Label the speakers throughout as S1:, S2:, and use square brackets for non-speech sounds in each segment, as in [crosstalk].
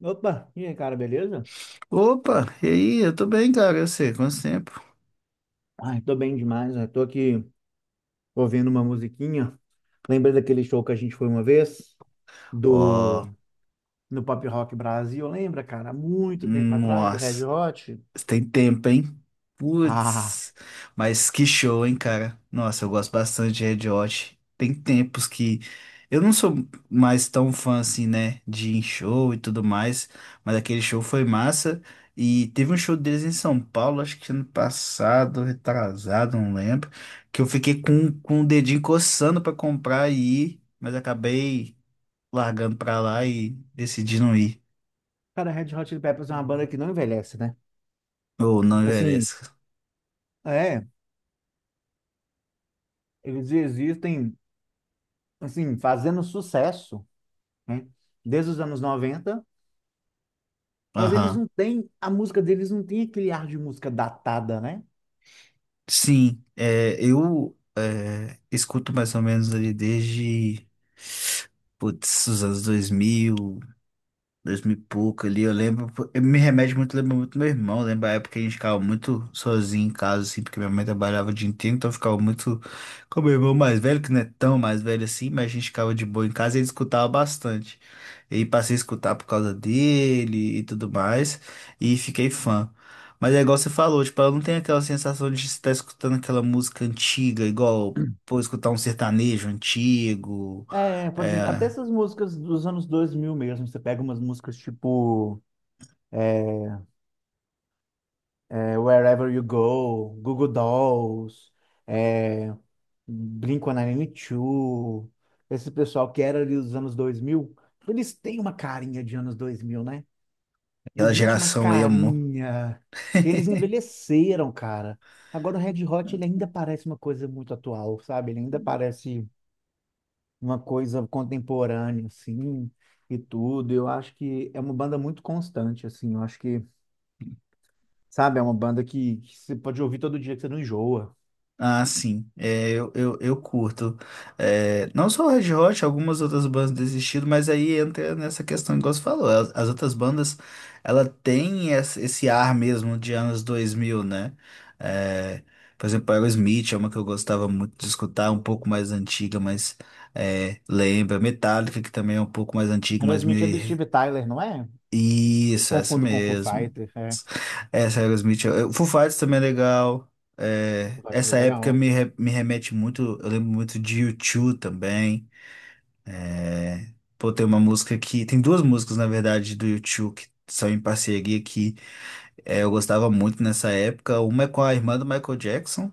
S1: Opa, e aí, cara, beleza?
S2: Opa, e aí? Eu tô bem, cara. Eu sei, quanto tempo?
S1: Ai, tô bem demais, né? Tô aqui ouvindo uma musiquinha. Lembra daquele show que a gente foi uma vez?
S2: Ó,
S1: Do... No Pop Rock Brasil, lembra, cara? Há muito tempo atrás, do Red
S2: nossa,
S1: Hot.
S2: tem tempo, hein?
S1: Ah,
S2: Putz, mas que show, hein, cara? Nossa, eu gosto bastante de Red Hot. Tem tempos que eu não sou mais tão fã assim, né, de ir em show e tudo mais, mas aquele show foi massa. E teve um show deles em São Paulo, acho que ano passado, retrasado, não lembro, que eu fiquei com o dedinho coçando pra comprar e ir, mas acabei largando pra lá e decidindo ir.
S1: cara, Red Hot Chili Peppers é uma banda que não envelhece, né?
S2: Ou não
S1: Assim,
S2: Everest.
S1: é, eles existem, assim, fazendo sucesso, né? Desde os anos 90. Mas eles
S2: Aham.
S1: não têm, a música deles não tem aquele ar de música datada, né?
S2: Sim, é, eu escuto mais ou menos ali desde putz, os anos 2000, dois mil e pouco ali, eu lembro. Eu me remete muito, lembro muito do meu irmão. Eu lembro a época que a gente ficava muito sozinho em casa, assim, porque minha mãe trabalhava o dia inteiro, então eu ficava muito com meu irmão mais velho, que não é tão mais velho assim, mas a gente ficava de boa em casa e ele escutava bastante. E aí passei a escutar por causa dele e tudo mais, e fiquei fã. Mas é igual você falou, tipo, eu não tenho aquela sensação de estar escutando aquela música antiga, igual, pô, escutar um sertanejo antigo,
S1: É, por exemplo, até
S2: é,
S1: essas músicas dos anos 2000 mesmo, você pega umas músicas tipo Wherever You Go, Google Dolls, é, Blink-182, esse pessoal que era ali dos anos 2000, eles têm uma carinha de anos 2000, né?
S2: aquela
S1: Existe uma
S2: geração emo.
S1: carinha. Eles
S2: [laughs]
S1: envelheceram, cara. Agora o Red Hot, ele ainda parece uma coisa muito atual, sabe? Ele ainda parece uma coisa contemporânea, assim, e tudo. Eu acho que é uma banda muito constante, assim. Eu acho que, sabe, é uma banda que você pode ouvir todo dia que você não enjoa.
S2: Ah, sim. É, eu curto. É, não só o Red Hot, algumas outras bandas desistiram, mas aí entra nessa questão, igual você falou. As outras bandas, ela tem esse ar mesmo de anos 2000, né? É, por exemplo, Aerosmith é uma que eu gostava muito de escutar, um pouco mais antiga, mas é, lembra. Metallica, que também é um pouco mais antiga, mas
S1: Aerosmith é do
S2: me
S1: Steve Tyler, não é? Eu
S2: isso, essa
S1: confundo com Foo
S2: mesmo.
S1: Fighter, é.
S2: Essa é Aerosmith. Foo Fighters também é legal. É,
S1: Foo Fighter
S2: essa
S1: é
S2: época
S1: legal.
S2: me remete muito. Eu lembro muito de U2 também. É, pô, tem uma música que. Tem duas músicas, na verdade, do U2 que são em parceria que eu gostava muito nessa época. Uma é com a irmã do Michael Jackson.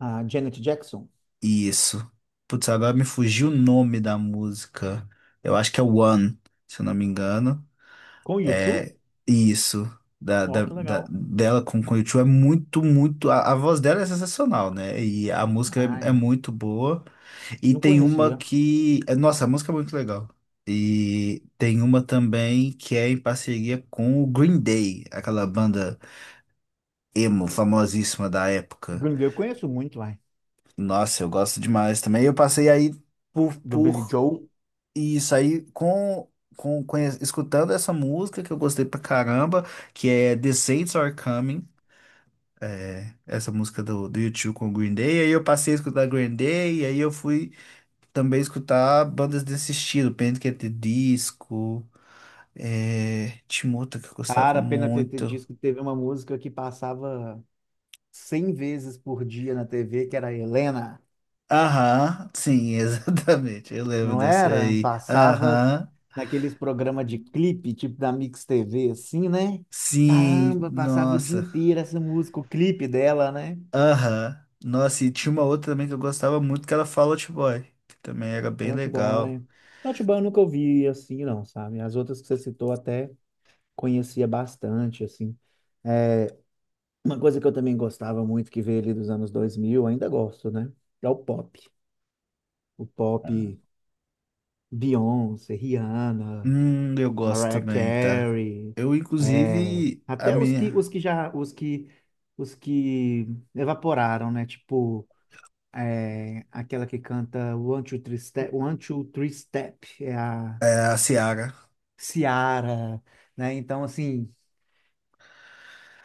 S1: Ah, Janet Jackson,
S2: Isso. Putz, agora me fugiu o nome da música. Eu acho que é One, se eu não me engano.
S1: com U2?
S2: É isso.
S1: Ó, que legal.
S2: Dela com o u é muito, muito. A voz dela é sensacional, né? E a música
S1: Ah,
S2: é
S1: é.
S2: muito boa. E
S1: Não
S2: tem uma
S1: conhecia.
S2: que. Nossa, a música é muito legal. E tem uma também que é em parceria com o Green Day, aquela banda emo famosíssima da época.
S1: Green Day eu conheço muito, vai.
S2: Nossa, eu gosto demais também. Eu passei aí por,
S1: Do Billy
S2: por
S1: Joel.
S2: Isso aí, escutando essa música que eu gostei pra caramba, que é The Saints Are Coming, é, essa música do U2 com o Green Day, aí eu passei a escutar Green Day, e aí eu fui também escutar bandas desse estilo, Panic! At the Disco, tinha uma outra que eu gostava
S1: Cara, pena ter
S2: muito.
S1: disso que teve uma música que passava 100 vezes por dia na TV, que era Helena.
S2: Aham, sim, [laughs] exatamente, eu lembro
S1: Não
S2: dessa
S1: era?
S2: aí.
S1: Passava
S2: Aham,
S1: naqueles programas de clipe, tipo da Mix TV, assim, né?
S2: sim,
S1: Caramba, passava o dia
S2: nossa.
S1: inteiro essa música, o clipe dela, né?
S2: Aham. Nossa, e tinha uma outra também que eu gostava muito, que era Fall Out Boy, que também era bem
S1: Naughty
S2: legal.
S1: Boy. Naughty Boy eu nunca ouvi assim, não, sabe? As outras que você citou até conhecia bastante, assim. É, uma coisa que eu também gostava muito, que veio ali dos anos 2000, ainda gosto, né? É o pop. O pop, Beyoncé, Rihanna,
S2: Eu gosto
S1: Mariah
S2: também, tá?
S1: Carey,
S2: Eu,
S1: é,
S2: inclusive, a
S1: até
S2: minha.
S1: os que já os que evaporaram, né? Tipo é, aquela que canta One Two Three Step, One Two Three Step, é a
S2: É, a Ciara.
S1: Ciara, né? Então assim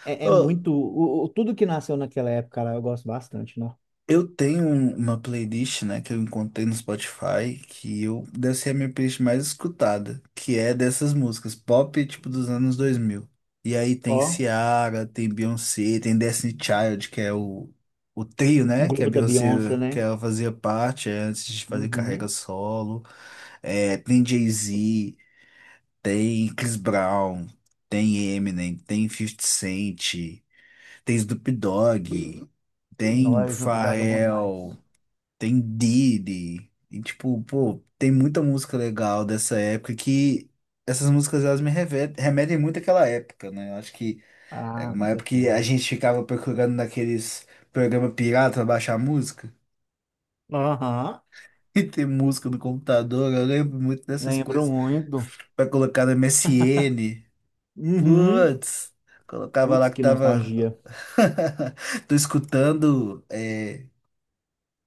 S1: é, é muito o, tudo que nasceu naquela época, cara, eu gosto bastante, né?
S2: Eu tenho uma playlist, né, que eu encontrei no Spotify, que eu deve ser a minha playlist mais escutada, que é dessas músicas pop, tipo, dos anos 2000. E aí tem
S1: Ó,
S2: Ciara, tem Beyoncé, tem Destiny Child, que é o trio,
S1: o
S2: né, que a
S1: grupo da
S2: Beyoncé,
S1: Beyoncé,
S2: que
S1: né?
S2: ela fazia parte antes de fazer carreira
S1: Uhum.
S2: solo. É, tem Jay-Z, tem Chris Brown, tem Eminem, tem 50 Cent, tem Snoop Dogg, tem
S1: Nós, Snoop Dogg é bom demais.
S2: Pharrell. Tem Diddy. E, tipo, pô, tem muita música legal dessa época, que essas músicas elas me remetem muito àquela época, né? Eu acho que era
S1: Ah, com
S2: uma época que a
S1: certeza.
S2: gente ficava procurando naqueles programas pirata pra baixar música. [laughs]
S1: Aham,
S2: E tem música no computador, eu lembro muito dessas
S1: lembro
S2: coisas.
S1: muito.
S2: Pra colocar no MSN.
S1: Uhum.
S2: Putz, colocava lá
S1: Putz,
S2: que
S1: que
S2: tava.
S1: nostalgia.
S2: [laughs] Tô escutando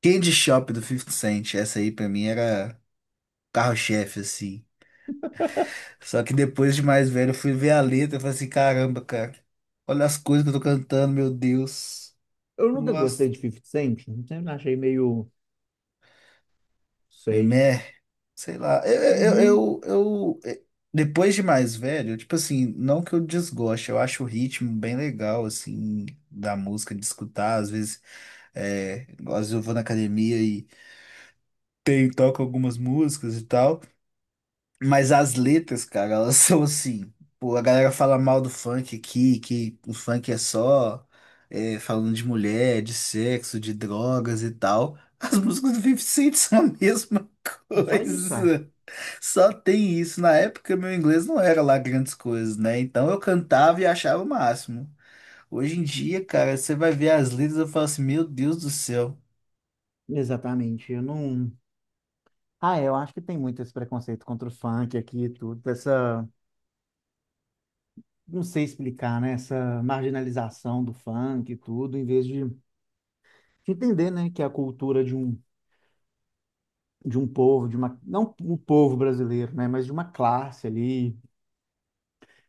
S2: Candy Shop do 50 Cent. Essa aí pra mim era carro-chefe, assim. Só que depois de mais velho, eu fui ver a letra e falei assim, caramba, cara, olha as coisas que eu tô cantando, meu Deus.
S1: Eu
S2: Não
S1: nunca gostei
S2: gosto.
S1: de 50 Cent, sempre achei meio, sei.
S2: Meh, sei lá.
S1: Uhum.
S2: Depois de mais velho, tipo assim, não que eu desgoste, eu acho o ritmo bem legal, assim, da música, de escutar. Às vezes eu vou na academia e toco algumas músicas e tal. Mas as letras, cara, elas [laughs] são assim. Pô, a galera fala mal do funk aqui, que o funk é só falando de mulher, de sexo, de drogas e tal. [laughs] As músicas do 50 Cent são a mesma
S1: Não só isso, é.
S2: coisa. Só tem isso. Na época, meu inglês não era lá grandes coisas, né? Então eu cantava e achava o máximo. Hoje em dia, cara, você vai ver as letras e fala assim: meu Deus do céu.
S1: Exatamente, eu não... Ah, é, eu acho que tem muito esse preconceito contra o funk aqui e tudo, essa, não sei explicar, né, essa marginalização do funk e tudo, em vez de entender, né, que é a cultura de um povo, de uma, não o povo brasileiro, né, mas de uma classe ali,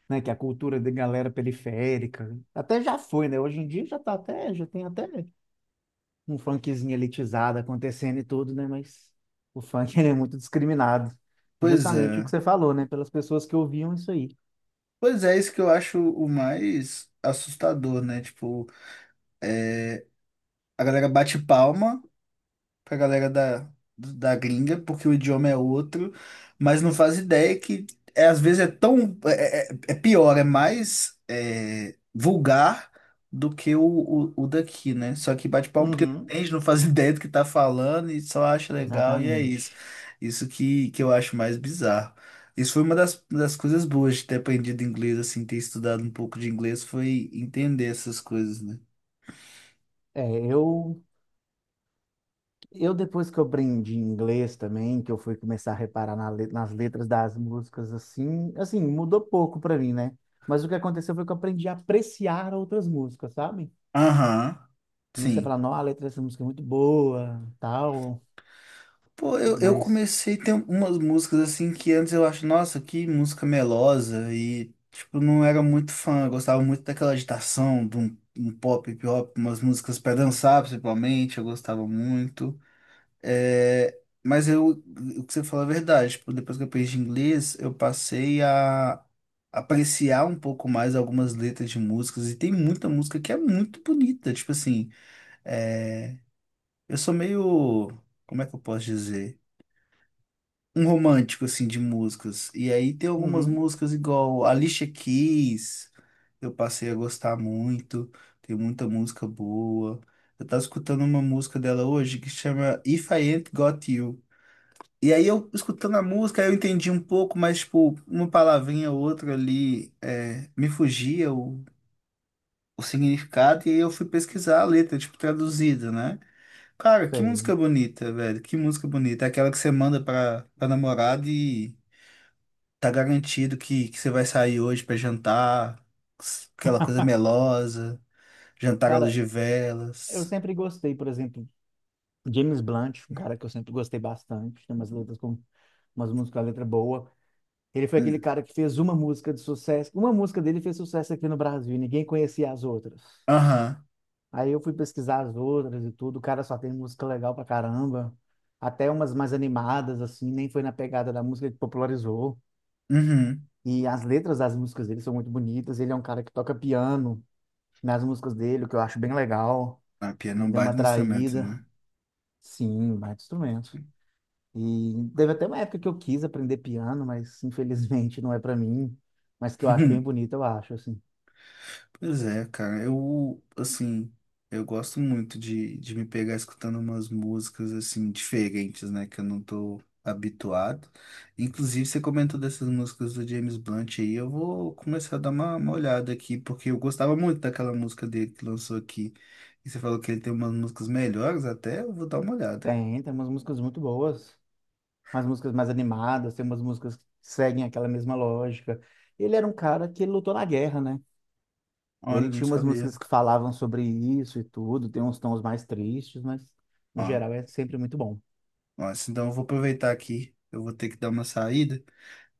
S1: né? Que é a cultura de galera periférica. Até já foi, né? Hoje em dia já tá até, já tem até um funkzinho elitizado acontecendo e tudo, né? Mas o funk [laughs] ele é muito discriminado.
S2: Pois
S1: Justamente o que
S2: é.
S1: você falou, né? Pelas pessoas que ouviam isso aí.
S2: Pois é, isso que eu acho o mais assustador, né? Tipo. A galera bate palma pra galera da gringa, porque o idioma é outro, mas não faz ideia que é, às vezes é tão. É pior, é mais vulgar do que o daqui, né? Só que bate palma porque não
S1: Uhum,
S2: entende, não faz [laughs] ideia do que tá falando e só acha legal, e é isso.
S1: exatamente.
S2: Isso que eu acho mais bizarro. Isso foi uma das coisas boas de ter aprendido inglês, assim, ter estudado um pouco de inglês, foi entender essas coisas, né?
S1: É, eu depois que eu aprendi inglês também, que eu fui começar a reparar na nas letras das músicas, assim, assim, mudou pouco pra mim, né? Mas o que aconteceu foi que eu aprendi a apreciar outras músicas, sabe?
S2: Aham,
S1: Comecei a
S2: sim.
S1: falar, não, a letra dessa música é muito boa, tal,
S2: Pô, eu
S1: mas,
S2: comecei a ter umas músicas assim que antes eu acho, nossa, que música melosa e tipo, não era muito fã, eu gostava muito daquela agitação, de um pop, hip hop, umas músicas pra dançar, principalmente, eu gostava muito. É, mas eu, o que você fala é verdade, tipo, depois que eu aprendi inglês, eu passei a apreciar um pouco mais algumas letras de músicas e tem muita música que é muito bonita, tipo assim, é, eu sou meio, como é que eu posso dizer? Um romântico, assim, de músicas. E aí tem algumas
S1: uhum,
S2: músicas igual Alicia Keys, eu passei a gostar muito, tem muita música boa. Eu tava escutando uma música dela hoje que chama If I Ain't Got You. E aí eu, escutando a música, eu entendi um pouco, mas, tipo, uma palavrinha ou outra ali me fugia o significado e aí eu fui pesquisar a letra, tipo, traduzida, né? Cara, que
S1: sei.
S2: música bonita, velho. Que música bonita. É aquela que você manda pra namorada e tá garantido que você vai sair hoje pra jantar, aquela coisa melosa, jantar à luz
S1: Cara,
S2: de
S1: eu
S2: velas.
S1: sempre gostei, por exemplo, James Blunt, um cara que eu sempre gostei bastante, tem umas letras com umas músicas com a letra boa. Ele foi aquele
S2: Hum.
S1: cara que fez uma música de sucesso, uma música dele fez sucesso aqui no Brasil, e ninguém conhecia as outras.
S2: Aham,
S1: Aí eu fui pesquisar as outras e tudo, o cara só tem música legal pra caramba, até umas mais animadas, assim, nem foi na pegada da música que popularizou.
S2: uhum.
S1: E as letras das músicas dele são muito bonitas. Ele é um cara que toca piano nas músicas dele, o que eu acho bem legal.
S2: A pia
S1: Me
S2: não
S1: deu uma
S2: bate no instrumento,
S1: atraída.
S2: né?
S1: Sim, um baita instrumento. E teve até uma época que eu quis aprender piano, mas infelizmente não é pra mim. Mas que eu acho bem
S2: [laughs]
S1: bonito, eu acho, assim.
S2: Pois é, cara, eu, assim, eu gosto muito de me pegar escutando umas músicas, assim, diferentes, né, que eu não tô habituado. Inclusive, você comentou dessas músicas do James Blunt aí, eu vou começar a dar uma olhada aqui, porque eu gostava muito daquela música dele que lançou aqui. E você falou que ele tem umas músicas melhores até, eu vou dar uma olhada.
S1: Tem, tem umas músicas muito boas, umas músicas mais animadas, tem umas músicas que seguem aquela mesma lógica. Ele era um cara que lutou na guerra, né?
S2: Olha,
S1: Ele
S2: não
S1: tinha umas
S2: sabia.
S1: músicas que falavam sobre isso e tudo, tem uns tons mais tristes, mas no
S2: Ó,
S1: geral é sempre muito bom.
S2: ó, assim, então eu vou aproveitar aqui, eu vou ter que dar uma saída.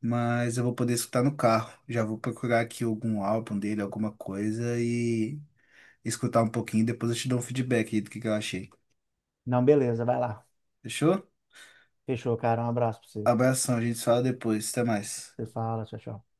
S2: Mas eu vou poder escutar no carro. Já vou procurar aqui algum álbum dele, alguma coisa e escutar um pouquinho. Depois eu te dou um feedback aí do que eu achei.
S1: Não, beleza, vai lá.
S2: Fechou?
S1: Fechou, cara. Um abraço pra você.
S2: Abração, a gente se fala depois. Até mais.
S1: Você fala, tchau, tchau.